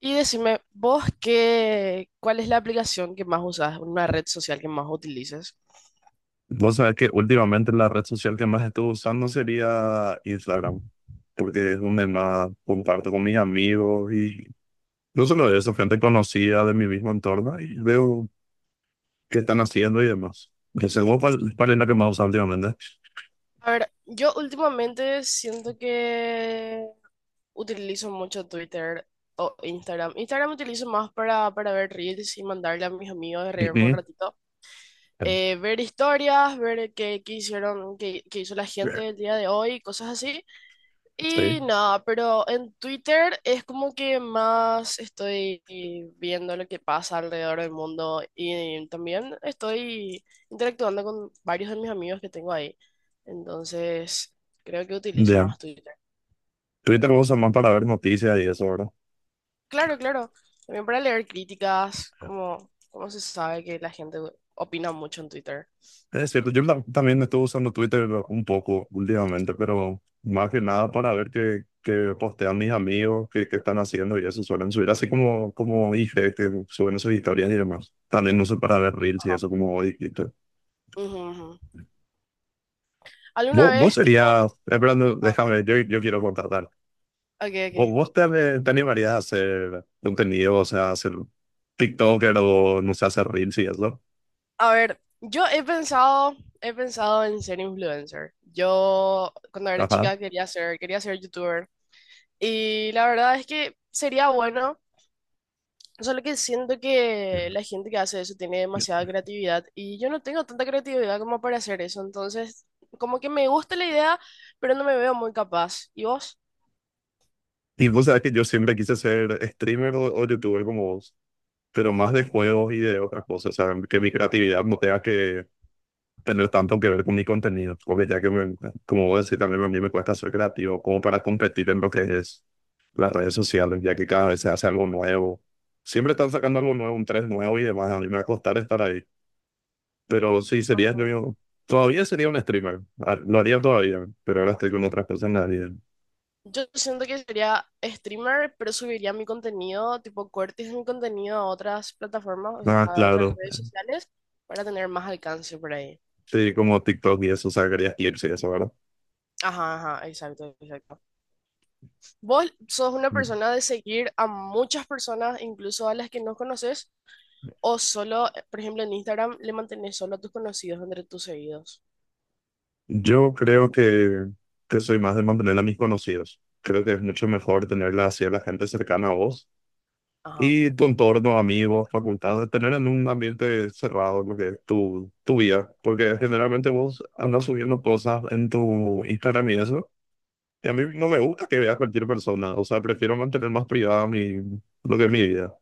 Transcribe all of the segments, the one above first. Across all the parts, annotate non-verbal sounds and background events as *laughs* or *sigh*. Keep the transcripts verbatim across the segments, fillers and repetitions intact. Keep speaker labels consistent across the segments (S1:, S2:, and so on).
S1: Y decime, vos qué, ¿cuál es la aplicación que más usas, una red social que más utilizas?
S2: Vos sabés que últimamente la red social que más estuve usando sería Instagram, porque es donde más comparto con mis amigos y no solo eso, gente conocida de mi mismo entorno y veo qué están haciendo y demás. Que según ¿cuál, cuál es la que más usas últimamente?
S1: A ver, yo últimamente siento que utilizo mucho Twitter o Instagram. Instagram utilizo más para, para ver reels y mandarle a mis amigos de
S2: Sí,
S1: reírme un
S2: sí.
S1: ratito. Eh, ver historias, ver qué, qué hicieron, qué, qué hizo la gente el día de hoy, cosas así.
S2: Sí.
S1: Y nada, pero en Twitter es como que más estoy viendo lo que pasa alrededor del mundo y también estoy interactuando con varios de mis amigos que tengo ahí. Entonces, creo que utilizo
S2: Ya.
S1: más Twitter.
S2: Twitter lo usas más para ver noticias y eso, ¿verdad?
S1: Claro, claro. También para leer críticas, como, como se sabe que la gente opina mucho en Twitter.
S2: Es cierto, yo la- también estuve usando Twitter un poco últimamente, pero más que nada para ver qué, qué postean mis amigos, qué, qué están haciendo y eso suelen subir, así como, como dije, que suben sus historias y demás. También uso para ver reels y
S1: Ajá.
S2: eso como dijiste.
S1: Ujú, ujú. ¿Alguna
S2: Vos, vos
S1: vez, tipo...
S2: serías, esperando,
S1: Ah,
S2: déjame, yo, yo quiero contratar.
S1: ok,
S2: ¿Vos,
S1: ok.
S2: vos te, te animarías a hacer contenido, o sea, hacer TikToker o no sé, hacer reels y eso?
S1: A ver, yo he pensado, he pensado en ser influencer. Yo cuando era
S2: Ajá.
S1: chica quería ser, quería ser youtuber. Y la verdad es que sería bueno, solo que siento que la gente que hace eso tiene demasiada creatividad y yo no tengo tanta creatividad como para hacer eso. Entonces, como que me gusta la idea, pero no me veo muy capaz. ¿Y vos?
S2: Y vos sabés que yo siempre quise ser streamer o, o youtuber como vos, pero más
S1: Ujú.
S2: de juegos y de otras cosas, o sea, que mi creatividad no tenga que tener tanto que ver con mi contenido, porque ya que, me- como vos decís, también a mí me cuesta ser creativo, como para competir en lo que es las redes sociales, ya que cada vez se hace algo nuevo. Siempre están sacando algo nuevo, un tres nuevo y demás, a mí me va a costar estar ahí, pero sí, sería yo, todavía sería un streamer. Ah, lo haría todavía, pero ahora estoy con otras cosas en la vida.
S1: Yo siento que sería streamer, pero subiría mi contenido, tipo cortes de mi contenido a otras plataformas, o sea,
S2: Ah,
S1: a otras
S2: claro,
S1: redes sociales, para tener más alcance por ahí.
S2: sí, como TikTok y eso, o sea, quería irse y eso, ¿verdad?
S1: Ajá, ajá, exacto, exacto. ¿Vos sos una
S2: Mm.
S1: persona de seguir a muchas personas, incluso a las que no conoces, o solo, eh, por ejemplo, en Instagram le mantenés solo a tus conocidos entre tus seguidos?
S2: Yo creo que, que soy más de mantener a mis conocidos. Creo que es mucho mejor tenerla así a la gente cercana a vos
S1: Ajá,
S2: y tu entorno, amigos, facultad, de tener en un ambiente cerrado lo que es tu, tu vida. Porque generalmente vos andas subiendo cosas en tu Instagram y eso. Y a mí no me gusta que veas cualquier persona. O sea, prefiero mantener más privada mi, lo que es mi vida.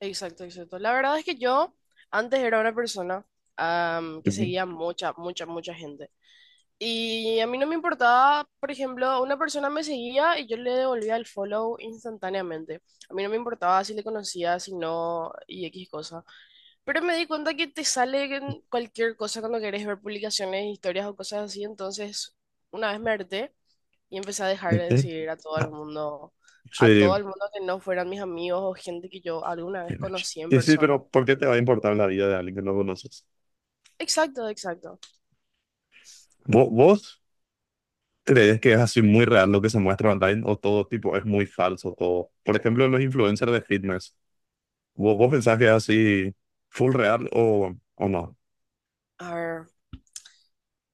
S1: exacto, exacto. La verdad es que yo antes era una persona, am, que
S2: Ujú.
S1: seguía mucha, mucha, mucha gente. Y a mí no me importaba, por ejemplo, una persona me seguía y yo le devolvía el follow instantáneamente. A mí no me importaba si le conocía, si no, y X cosa. Pero me di cuenta que te sale en cualquier cosa cuando querés ver publicaciones, historias o cosas así. Entonces, una vez me harté y empecé a dejar de
S2: Ujú.
S1: seguir a todo el
S2: Ah.
S1: mundo, a
S2: Sí.
S1: todo el mundo que no fueran mis amigos o gente que yo alguna vez conocí en
S2: Y sí,
S1: persona.
S2: pero ¿por qué te va a importar la vida de alguien que no conoces?
S1: Exacto, exacto.
S2: ¿Vo- ¿Vos crees que es así muy real lo que se muestra online o todo tipo es muy falso todo? Por ejemplo, los influencers de fitness. ¿Vos, vos pensás que es así full real o, o no?
S1: A ver.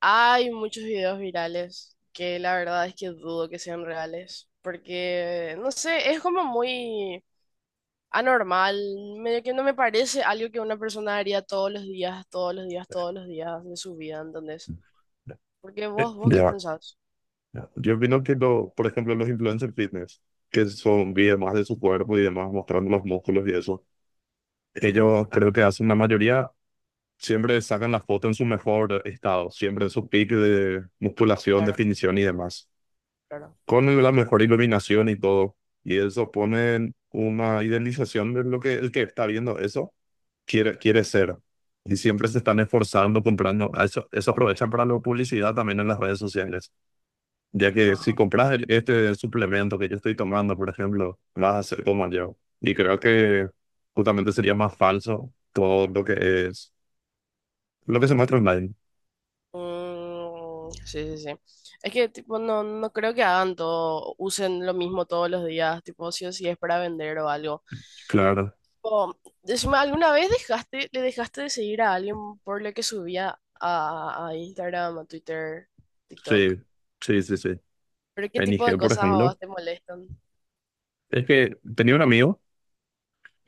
S1: Hay muchos videos virales que la verdad es que dudo que sean reales, porque, no sé, es como muy anormal, medio que no me parece algo que una persona haría todos los días, todos los días, todos los días de su vida, ¿entendés? Porque
S2: Eh.
S1: vos, vos qué
S2: Ya.
S1: pensás?
S2: Yo opino que, lo, por ejemplo, los influencers fitness, que son videos más de su cuerpo y demás, mostrando los músculos y eso,
S1: Ujú,
S2: ellos creo que hacen la mayoría, siempre sacan la foto en su mejor estado, siempre en su pico de musculación,
S1: claro,
S2: definición y demás,
S1: claro.
S2: con la mejor iluminación y todo. Y eso pone una idealización de lo que el que está viendo eso quiere, quiere ser. Y siempre se están esforzando comprando. A Eso, eso aprovechan para la publicidad también en las redes sociales. Ya que si
S1: Ajá.
S2: compras el- este suplemento que yo estoy tomando, por ejemplo, vas a ser como yo. Y creo que justamente sería más falso todo lo que es, lo que se muestra online.
S1: Mm, sí, sí, sí. Es que, tipo, no, no creo que hagan todo, usen lo mismo todos los días, tipo, si o si es para vender o algo.
S2: Claro,
S1: O, decime, ¿alguna vez dejaste, le dejaste de seguir a alguien por lo que subía a, a Instagram, a Twitter,
S2: sí,
S1: TikTok?
S2: sí, sí, sí.
S1: ¿Pero qué
S2: En
S1: tipo de
S2: I G, por
S1: cosas a
S2: ejemplo,
S1: vos te molestan?
S2: es que tenía un amigo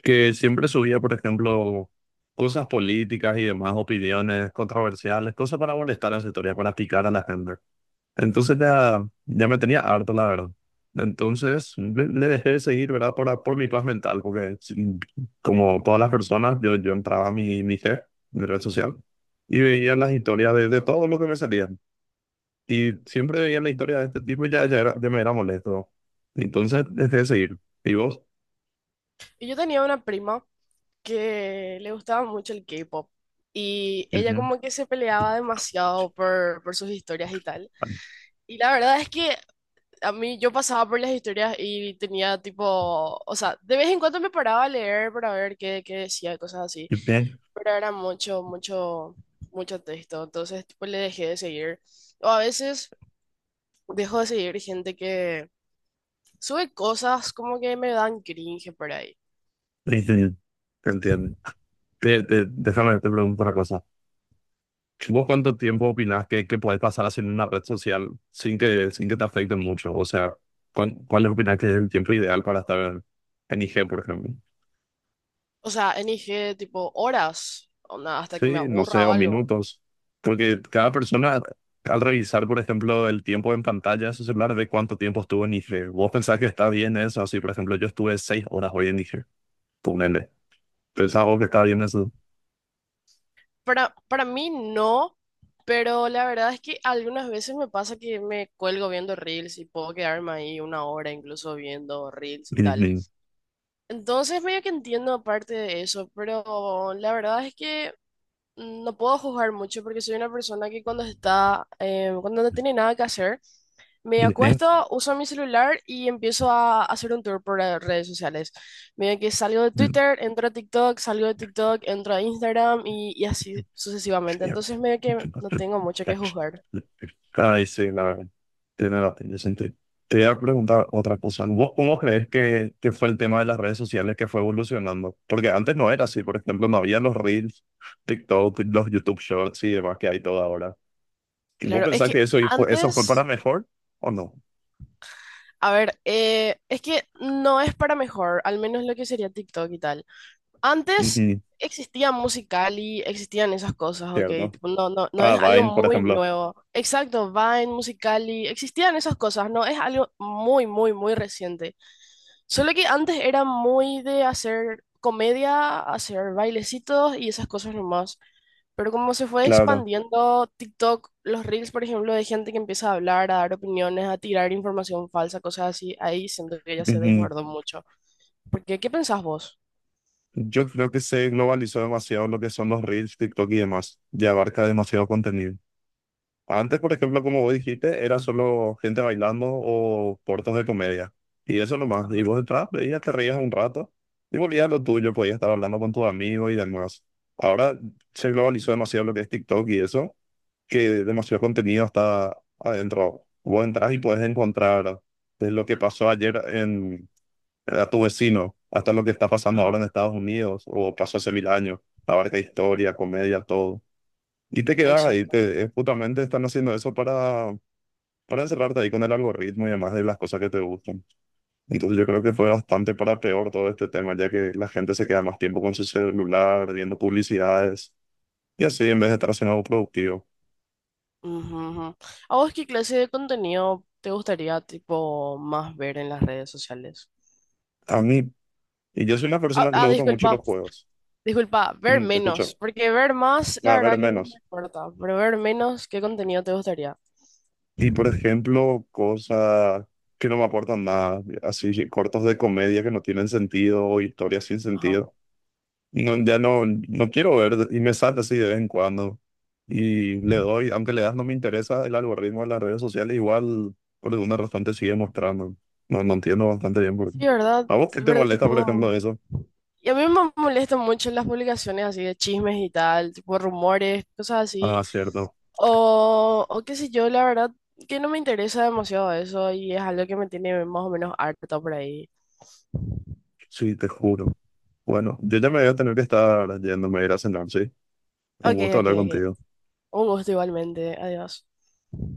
S2: que siempre subía, por ejemplo, cosas políticas y demás, opiniones controversiales, cosas para molestar a las historias, para picar a la gente. Entonces ya, ya me tenía harto, la verdad. Entonces le, le dejé de seguir, ¿verdad? Por, por mi paz mental, porque sí, como todas las personas, yo, yo entraba a mi, mi I G, mi red social, y veía las historias de, de todo lo que me salía. Y siempre veía la historia de este tipo y ya, ya, era, ya me era molesto. Entonces, dejé de seguir. Y vos.
S1: Y yo tenía una prima que le gustaba mucho el K-pop y ella
S2: Ujú.
S1: como que se peleaba demasiado por, por sus historias y tal. Y la verdad es que a mí yo pasaba por las historias y tenía tipo, o sea, de vez en cuando me paraba a leer para ver qué, qué decía, cosas así,
S2: Yo pienso-
S1: pero era mucho, mucho, mucho texto, entonces tipo le dejé de seguir. O a veces dejo de seguir gente que sube cosas como que me dan cringe por ahí.
S2: sí, sí, ¿te entiendo? Te- te- déjame te pregunto una cosa. ¿Vos cuánto tiempo opinás que, que podés pasar así en una red social sin que, sin que te afecte mucho? O sea, ¿cuál, cuál opinás que es el tiempo ideal para estar en, en I G, por ejemplo?
S1: O sea, en I G tipo horas, onda, hasta que me
S2: Sí, no sé,
S1: aburra o
S2: o
S1: algo.
S2: minutos. Porque cada persona, al revisar, por ejemplo, el tiempo en pantalla de su celular, ve cuánto tiempo estuvo en I G. ¿Vos pensás que está bien eso? Así, por ejemplo, yo estuve seis horas hoy en I G. Ponele. ¿Pensás vos que está bien eso?
S1: Para, para mí no, pero la verdad es que algunas veces me pasa que me cuelgo viendo reels y puedo quedarme ahí una hora incluso viendo reels y tal. Entonces medio que entiendo aparte de eso, pero la verdad es que no puedo juzgar mucho porque soy una persona que cuando está, eh, cuando no tiene nada que hacer, me
S2: *laughs*
S1: acuesto, uso mi celular y empiezo a hacer un tour por las redes sociales. Mira que salgo de Twitter, entro a TikTok, salgo de TikTok, entro a Instagram y, y así sucesivamente. Entonces medio que no tengo mucho que juzgar.
S2: Ay, sí, la verdad. Tiene, la- tiene sentido. Te voy a preguntar otra cosa. ¿Vos cómo crees que, que fue el tema de las redes sociales que fue evolucionando? Porque antes no era así. Por ejemplo, no había los Reels, TikTok, los YouTube Shorts y demás que hay todo ahora. ¿Y vos
S1: Claro, es
S2: pensás que
S1: que
S2: eso fue, eso fue para
S1: antes,
S2: mejor o no?
S1: a ver, eh, es que no es para mejor, al menos lo que sería TikTok y tal. Antes
S2: Ujú,
S1: existía Musical.ly, existían esas cosas, ok,
S2: cierto.
S1: tipo, no, no, no
S2: Ah,
S1: es algo
S2: Vine, por
S1: muy
S2: ejemplo.
S1: nuevo. Exacto, Vine, Musical.ly, existían esas cosas, no es algo muy, muy, muy reciente. Solo que antes era muy de hacer comedia, hacer bailecitos y esas cosas nomás. Pero como se fue
S2: Claro.
S1: expandiendo TikTok, los reels, por ejemplo, de gente que empieza a hablar, a dar opiniones, a tirar información falsa, cosas así, ahí siento que ya se
S2: Ujú.
S1: desbordó mucho. Porque, ¿qué pensás vos?
S2: Yo creo que se globalizó demasiado lo que son los Reels, TikTok y demás. Ya abarca demasiado contenido. Antes, por ejemplo, como vos dijiste, era solo gente bailando o cortos de comedia. Y eso nomás. Y
S1: Ajá,
S2: vos detrás veías, te reías un rato y volvías a lo tuyo, podías estar hablando con tus amigos y demás. Ahora se globalizó demasiado lo que es TikTok y eso, que demasiado contenido está adentro. Vos entras y puedes encontrar desde lo que pasó ayer en, a tu vecino hasta lo que está pasando ahora
S1: ajá.
S2: en Estados Unidos o pasó hace mil años. Abarca historia, comedia, todo. Y te quedas ahí,
S1: Exacto.
S2: te, eh, justamente están haciendo eso para, para encerrarte ahí con el algoritmo y demás de las cosas que te gustan. Entonces yo creo que fue bastante para peor todo este tema, ya que la gente se queda más tiempo con su celular, viendo publicidades y así en vez de estar haciendo algo productivo.
S1: Ujú, ujú. ¿A vos qué clase de contenido te gustaría, tipo, más ver en las redes sociales?
S2: A mí, y yo soy una
S1: Ah,
S2: persona que le
S1: ah,
S2: gustan mucho
S1: disculpa,
S2: los juegos.
S1: disculpa, ver
S2: Mm, te
S1: menos,
S2: escucho.
S1: porque ver más, la
S2: A ver,
S1: verdad que no me
S2: menos.
S1: importa, pero ver menos, ¿qué contenido te gustaría?
S2: Y por ejemplo, cosas que no me aportan nada, así cortos de comedia que no tienen sentido, o historias sin
S1: Ajá.
S2: sentido. No, ya no, no quiero ver y me sale así de vez en cuando. Y le doy, aunque le das no me interesa el algoritmo de las redes sociales, igual por alguna razón te sigue mostrando. No, no entiendo bastante bien por qué.
S1: Sí, ¿verdad?
S2: ¿A vos qué te
S1: ¿Verdad?
S2: molesta, por
S1: Tipo,
S2: ejemplo, eso?
S1: y a mí me molestan mucho las publicaciones así de chismes y tal, tipo rumores, cosas así.
S2: Ah, cierto.
S1: O, o qué sé yo, la verdad que no me interesa demasiado eso y es algo que me tiene más o menos harta por ahí.
S2: Sí, te juro. Bueno, yo ya me voy a tener que estar yéndome a ir a cenar, sí. Un
S1: Ok,
S2: gusto
S1: ok,
S2: hablar
S1: ok.
S2: contigo.
S1: Un gusto igualmente. Adiós.